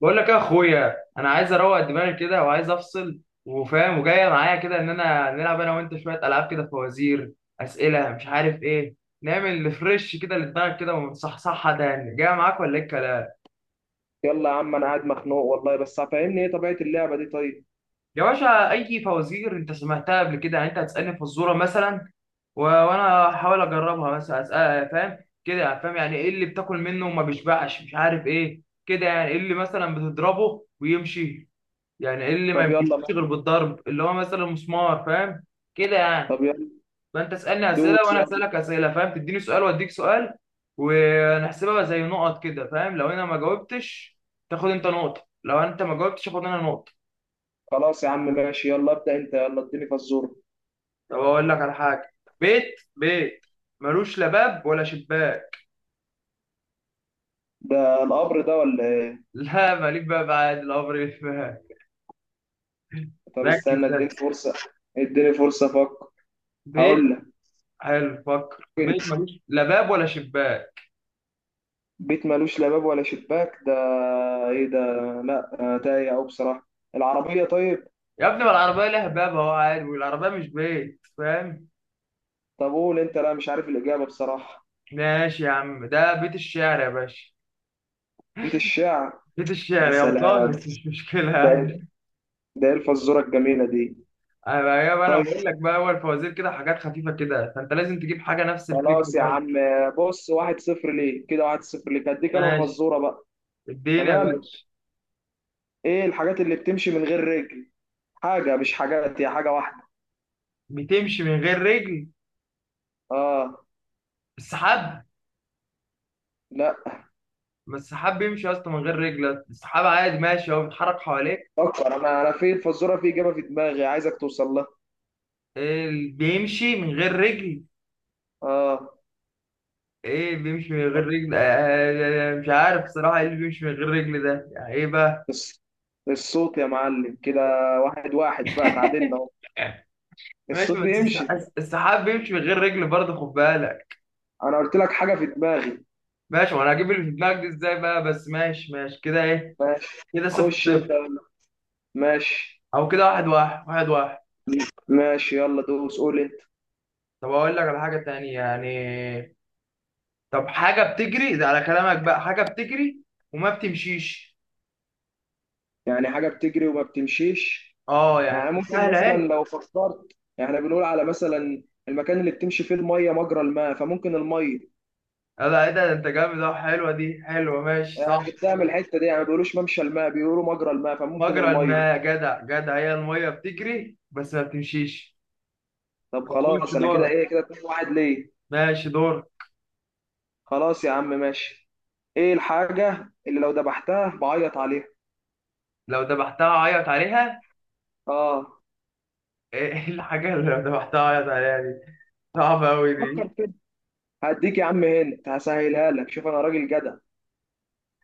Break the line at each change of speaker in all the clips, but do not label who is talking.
بقول لك يا اخويا، انا عايز اروق دماغي كده وعايز افصل، وفاهم وجايه معايا كده ان انا نلعب انا وانت شويه العاب كده، فوازير، اسئله مش عارف ايه. نعمل ريفرش كده لدماغك كده ونصحصحها تاني، جاي معاك ولا ايه الكلام؟
يلا يا عم، انا قاعد مخنوق والله، بس فاهمني ايه طبيعة اللعبة دي؟ طيب.
يا باشا، اي فوازير انت سمعتها قبل كده، يعني انت هتسالني فزوره مثلا وانا هحاول اجربها، مثلا اسال فاهم كده يعني، فاهم يعني ايه اللي بتاكل منه وما بيشبعش، مش عارف ايه كده. يعني ايه اللي مثلا بتضربه ويمشي، يعني إيه اللي ما
طب يلا
بيمشيش
بقى.
غير بالضرب، اللي هو مثلا مسمار، فاهم كده يعني.
طب يلا.
فانت اسالني اسئله
دوس
وانا
يلا.
اسالك اسئله، فاهم، تديني سؤال واديك سؤال، ونحسبها زي نقط كده، فاهم. لو انا ما جاوبتش تاخد انت نقطه، لو انت ما جاوبتش اخد انا نقطه.
خلاص يا عم، ماشي. يلا ابدأ انت، يلا اديني فزورة.
طب اقول لك على حاجه. بيت، بيت ملوش لا باب ولا شباك.
ده القبر ده ولا ايه؟
لا ماليك باب عادي، الامر يتفهم.
طب
ركز
استنى، اديني
بس.
فرصة. اديني فرصة افكر. هقول
بيت.
لك.
حلو، فكر، بيت
ممكن.
ملوش لا باب ولا شباك.
بيت ملوش لا باب ولا شباك ده؟ ايه ده؟ لا، تايه او بصراحة. العربية؟ طيب.
يا ابني ما العربيه لها باب اهو عادي، والعربيه مش بيت، فاهم.
طب قول انت، لا مش عارف الإجابة بصراحة.
ماشي يا عم، ده بيت الشعر يا باشا.
بيت الشعر.
بيت
يا
الشعر يا
سلام.
بضان، بس مش مشكلة
ده
يعني.
إيه؟ ده ايه الفزورة الجميلة دي؟
أنا بقى أنا
طيب.
بقول لك بقى، أول فوازير كده حاجات خفيفة كده، فأنت لازم تجيب حاجة نفس الفكر
خلاص يا
برضه.
عم. بص، 1-0 ليه كده، 1-0 ليك. هديك انا
ماشي،
فزوره بقى.
اديني يا
تمام.
باشا.
ايه الحاجات اللي بتمشي من غير رجل؟ حاجه، مش حاجات، هي حاجه واحده.
بتمشي من غير رجل؟
اه.
السحاب.
لا.
ما السحاب بيمشي يا اسطى من غير رجل، السحاب عادي ماشي، هو بيتحرك حواليك.
فكر. انا في الفزوره، في اجابه في دماغي عايزك توصل لها.
إيه اللي بيمشي من غير رجل؟
اه.
ايه بيمشي من غير رجل؟ مش عارف صراحة، ايه اللي بيمشي من غير رجل ده، يعني ايه بقى.
الص- الصوت يا معلم كده. 1-1 بقى، تعادلنا اهو.
ماشي
الصوت
بس.
بيمشي.
السحاب بيمشي من غير رجل برضه، خد بالك.
انا قلت لك حاجه في دماغي.
ماشي، وانا هجيب اللي في دماغك دي ازاي بقى؟ بس ماشي، ماشي كده، ايه.
ماشي.
كده صفر
خش انت.
صفر،
ماشي.
او كده واحد واحد، واحد واحد.
ماشي، يلا دوس قول انت.
طب اقول لك على حاجة تانية يعني. طب حاجة بتجري، ده على كلامك بقى، حاجة بتجري وما بتمشيش.
يعني حاجه بتجري وما بتمشيش.
اه يعني
يعني ممكن
سهلة
مثلا
اهي.
لو فكرت، يعني إحنا بنقول على مثلا المكان اللي بتمشي فيه الميه مجرى الماء، فممكن الميه.
لا ايه ده، ده انت جامد اهو، حلوة دي حلوة، ماشي
يعني
صح.
جبتها من الحته دي، يعني ما بيقولوش ممشى الماء، بيقولوا مجرى الماء، فممكن
مجرى
الميه.
الماء، جدع جدع، هي المية بتجري بس ما بتمشيش.
طب
خش
خلاص، انا كده
دورك،
ايه؟ كده 2 واحد ليه.
ماشي دور.
خلاص يا عم ماشي. ايه الحاجه اللي لو ذبحتها بعيط عليها؟
لو ذبحتها عيط عليها؟
اه.
ايه الحاجة اللي ذبحتها اعيط عليها دي، صعبة أوي
فكر
دي.
كده. هديك يا عم هنت، هسهلها لك. شوف انا راجل جدع.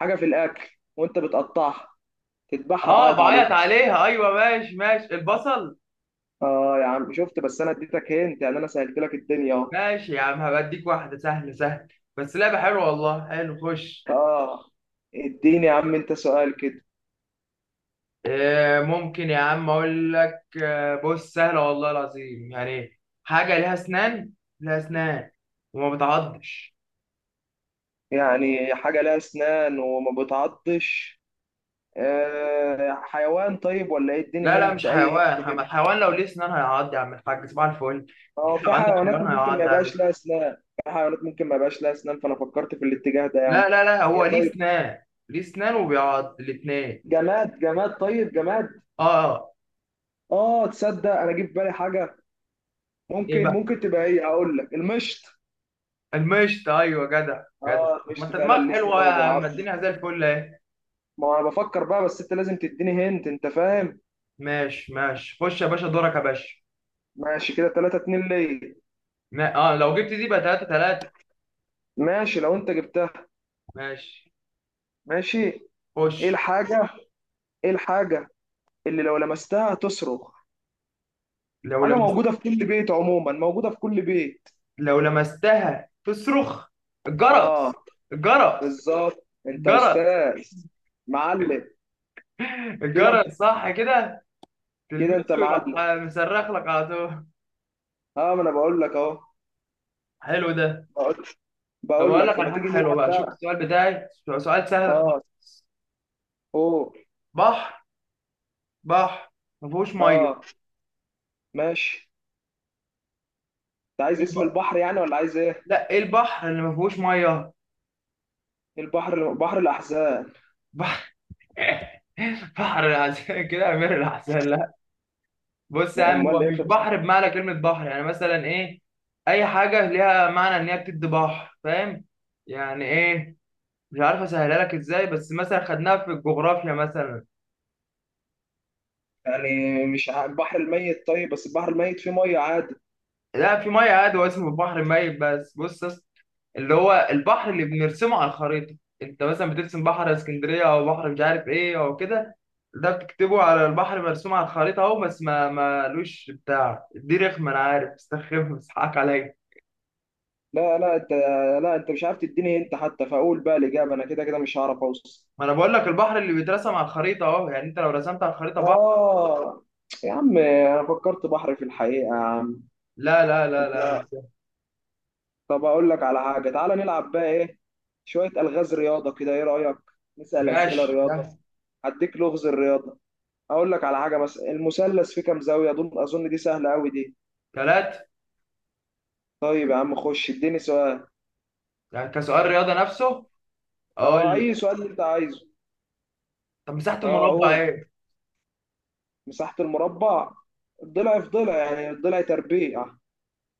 حاجه في الاكل. وانت بتقطعها. تذبحها
اه
تعيط عليها.
بعيط عليها، ايوه ماشي ماشي، البصل.
اه يا عم، شفت؟ بس انا اديتك هنت، يعني انا سهلت لك الدنيا اهو.
ماشي يا عم، هبديك واحدة سهل سهل، بس لعبة حلوة والله، حلو خش.
اه. اديني يا عم انت سؤال كده.
إيه ممكن يا عم اقول لك، بص سهلة والله العظيم، يعني حاجة ليها اسنان، ليها اسنان وما بتعضش.
يعني حاجة لها اسنان وما بتعضش. آه، حيوان طيب ولا ايه؟
لا
اديني
لا
هنت،
مش
اي هنت
حيوان، حم-
كده.
الحيوان لو ليه اسنان هيعض يا عم الحاج، صباح الفل.
اه، في
لو عندك حيوان
حيوانات ممكن ما
هيعض عادي.
يبقاش لها اسنان. في حيوانات ممكن ما يبقاش لها اسنان، فانا فكرت في الاتجاه ده
لا
يعني.
لا لا، هو
هي؟
ليه
طيب.
اسنان، ليه اسنان وبيعض الاتنين.
جماد، جماد؟ طيب، جماد.
اه.
اه. تصدق انا جه في بالي حاجة.
ايه
ممكن
بقى؟
ممكن تبقى ايه؟ هقول لك المشط.
المشط، ايوه جدع جدع.
اه،
ما
المشط
انت
فعلا
دماغك
ليه اسنان
حلوه يا
وما
عم،
بيعضش.
الدنيا زي الفل اهي.
ما انا بفكر بقى، بس انت لازم تديني هنت، انت فاهم.
ماشي ماشي، خش يا باشا دورك يا باشا.
ماشي. كده 3-2 ليا.
ما... اه لو جبت دي بقى 3 3.
ماشي لو انت جبتها.
ماشي
ماشي.
خش.
ايه الحاجة؟ ايه الحاجة اللي لو لمستها تصرخ؟
لو
حاجة
لمست
موجودة في كل بيت، عموما موجودة في كل بيت.
لو لمستها تصرخ؟
اه.
الجرس. الجرس.
بالظبط، انت
الجرس.
استاذ. معلم. كده انت.
الجرس صح كده،
كده
تلمسه
انت
يروح
معلم.
مصرخ لك على طول.
اه، ما انا بقول لك اهو.
حلو ده.
بقول.
طب
بقول
اقول لك
لك
على
لما
حاجه
تيجي
حلوه
نلعب
بقى، شوف
بقى.
السؤال بتاعي، سؤال سهل
اه.
خالص.
اوه.
بحر، بحر ما فيهوش ميه.
اه. ماشي. انت عايز اسم البحر يعني ولا عايز ايه؟
لا، ايه البحر اللي ما فيهوش ميه؟
البحر، بحر الاحزان.
بحر. بحر العسل كده، امير العسل، لا. بص يا
لا؟
عم،
امال
هو
ايه
مش
طب؟
بحر بمعنى كلمه بحر، يعني مثلا ايه، اي حاجه ليها معنى ان هي بتدي بحر، فاهم يعني ايه. مش عارف اسهلها لك ازاي، بس مثلا خدناها في الجغرافيا مثلا.
يعني مش البحر الميت؟ طيب بس البحر الميت فيه ميه عادي.
لا في ميه عادي، هو اسمه البحر ميت بس. بص يا اسطى، اللي هو البحر اللي بنرسمه على الخريطه، انت مثلا بترسم بحر اسكندريه او بحر مش عارف ايه او كده، ده بتكتبه على البحر مرسوم على الخريطه اهو، بس ما مالوش بتاع دي رخمه، انا عارف استخف بس حقك عليا.
لا لا، انت. لا، انت مش عارف تديني انت، حتى فاقول بقى الاجابه. انا كده كده مش هعرف اوصل.
ما انا بقول لك، البحر اللي بيترسم على الخريطه اهو، يعني انت لو رسمت على الخريطه بحر.
اه يا عم، انا فكرت بحر في الحقيقه يا عم.
لا لا لا لا، مش
انت.
ده.
طب اقول لك على حاجه، تعالى نلعب بقى ايه، شويه الغاز رياضه كده، ايه رايك؟ نسال اسئله
ماشي
رياضه.
ده.
هديك لغز الرياضه. اقول لك على حاجه مثلا، المثلث فيه كام زاويه؟ اظن دي سهله قوي دي.
ثلاثة.
طيب يا عم، خش اديني سؤال.
يعني كسؤال رياضه نفسه،
اه،
اقول.
اي سؤال اللي انت عايزه.
طب مساحه
اه.
المربع
اوه.
ايه؟
مساحه المربع، الضلع في ضلع، يعني الضلع تربيع.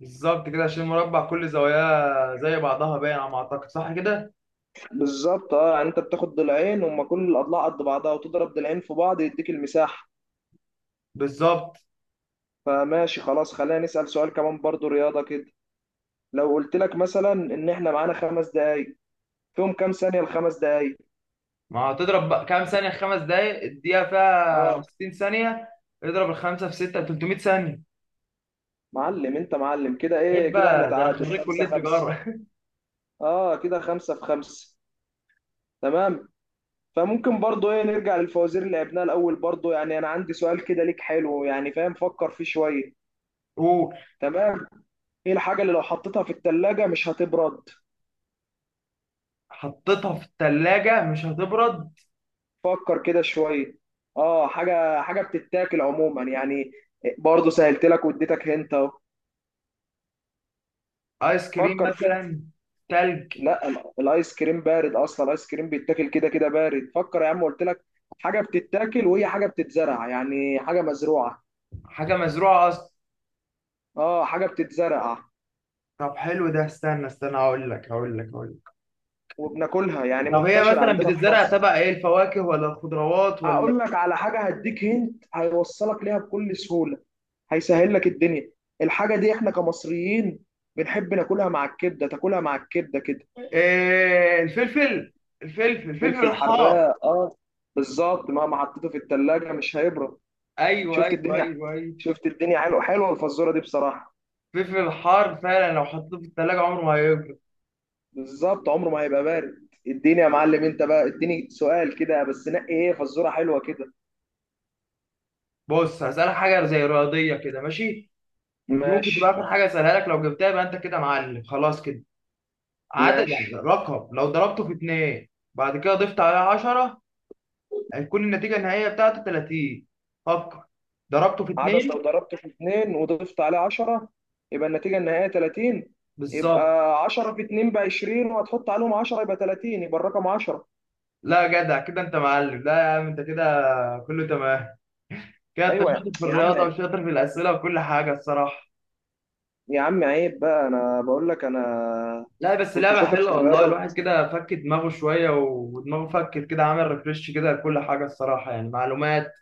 بالظبط كده، عشان المربع كل زواياه زي بعضها، باين على ما اعتقد، صح كده.
بالظبط. اه يعني انت بتاخد ضلعين، هما كل الاضلاع قد بعضها، وتضرب ضلعين في بعض يديك المساحه.
بالظبط.
فماشي خلاص، خلينا نسال سؤال كمان برضو رياضه كده. لو قلت لك مثلا ان احنا معانا 5 دقايق، فيهم كام ثانيه الخمس دقايق؟
ما هتضرب بقى، كام ثانيه خمس دقايق، الدقيقه فيها
اه.
60 ثانيه، اضرب الخمسه في سته، 300 ثانيه.
معلم، انت معلم. كده ايه
عيب
كده؟ احنا
بقى، ده انا
تعادل
خريج
خمسة
كليه
خمسة
تجاره.
اه، كده خمسة في خمسة. تمام. فممكن برضو ايه، نرجع للفوازير اللي لعبناها الاول برضو، يعني انا عندي سؤال كده ليك حلو، يعني فاهم، فكر فيه شويه. تمام. ايه الحاجه اللي لو حطيتها في الثلاجه مش هتبرد؟
وحطيتها في الثلاجه مش هتبرد؟
فكر كده شويه. اه، حاجه بتتاكل عموما يعني. برضه سهلت لك واديتك هنت اهو.
ايس كريم
فكر كده.
مثلا، تلج.
لا، الايس كريم بارد اصلا، الايس كريم بيتاكل كده كده بارد. فكر يا عم، قلت لك حاجه بتتاكل وهي حاجه بتتزرع، يعني حاجه مزروعه.
حاجه مزروعه اصلا.
اه، حاجه بتتزرع
طب حلو ده، استنى استنى، هقول لك.
وبناكلها، يعني
طب هي
منتشر
مثلا
عندنا في
بتتزرع
مصر.
تبع ايه، الفواكه ولا الخضروات؟
هقول لك على حاجه هديك هنت هيوصلك ليها بكل سهوله، هيسهل لك الدنيا. الحاجه دي احنا كمصريين بنحب ناكلها مع الكبده، تاكلها مع الكبده كده.
الفلفل، الفلفل، الفلفل
فلفل
الحار.
حراق، اه. بالظبط، مهما حطيته في التلاجة مش هيبرد.
ايوه
شفت
ايوه
الدنيا؟
ايوه ايوه.
شفت الدنيا؟ حلوه، حلوه الفزوره دي بصراحه.
الفلفل الحار فعلا لو حطيته في التلاجة عمره ما هيبرد.
بالظبط، عمره ما هيبقى بارد. اديني يا معلم انت بقى، اديني سؤال كده بس، نقي ايه فزوره حلوه كده.
بص هسألك حاجة زي رياضية كده، ماشي. دي ممكن تبقى
ماشي.
آخر حاجة أسألها لك، لو جبتها يبقى أنت كده معلم خلاص كده. عدد يعني
ماشي.
رقم، لو ضربته في اتنين بعد كده ضفت عليه 10، هيكون النتيجة النهائية بتاعته 30. فكر، ضربته في
عدد
اتنين.
لو ضربته في 2 وضفت عليه 10، يبقى النتيجه النهائيه 30. يبقى
بالظبط.
10 في 2 ب 20، وهتحط عليهم 10 يبقى 30، يبقى الرقم 10.
لا جدع كده أنت معلم، لا يا عم أنت كده، كله تمام. كده انت
ايوه يا
شاطر في
يا عم.
الرياضه وشاطر في الاسئله وكل حاجه الصراحه.
يا عم، عيب بقى، انا بقول لك انا
لا بس
كنت
لعبه
شاطر في
حلوه والله،
الرياضه.
الواحد كده فك دماغه شويه، ودماغه فكت كده، عمل ريفريش كده لكل حاجه الصراحه، يعني معلومات،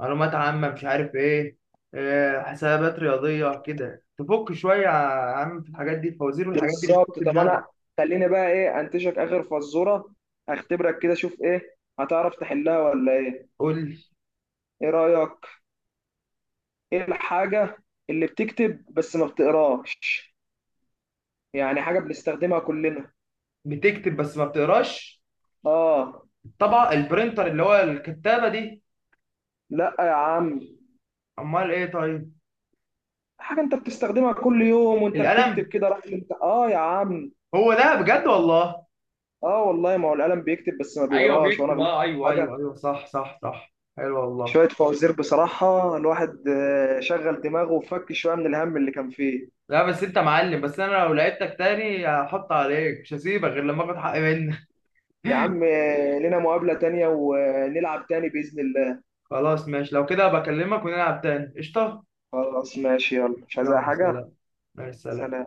معلومات عامه مش عارف ايه، حسابات رياضيه كده، تفك شويه يا عم في الحاجات دي، الفوازير والحاجات دي
بالظبط.
بتكتب
طب
دماغك.
انا، خليني بقى ايه انتشك اخر فزوره، اختبرك كده، شوف ايه هتعرف تحلها ولا ايه.
قول لي.
ايه رايك؟ ايه الحاجه اللي بتكتب بس ما بتقراش؟ يعني حاجه بنستخدمها كلنا.
بتكتب بس ما بتقراش؟
اه.
طبعا البرينتر، اللي هو الكتابه دي.
لا يا عم.
امال ايه طيب؟
حاجه انت بتستخدمها كل يوم وانت بتكتب
القلم.
كده، راح انت، اه يا عم.
هو ده بجد والله.
اه، والله، ما هو القلم بيكتب بس ما
ايوه
بيقراش، وانا
بيكتب،
غلطت
اه
في
ايوه
حاجه.
ايوه ايوه، صح صح صح، حلو والله.
شوية فوازير بصراحة، الواحد شغل دماغه وفك شوية من الهم اللي كان فيه.
لا بس انت معلم، بس انا لو لعبتك تاني هحط عليك، مش هسيبك غير لما اخد حقي منك.
يا عم، لنا مقابلة تانية ونلعب تاني بإذن الله.
خلاص ماشي، لو كده بكلمك ونلعب تاني، قشطه.
خلاص ماشي، يلا مش عايز أي
يلا
حاجة.
سلام، مع السلامه.
سلام.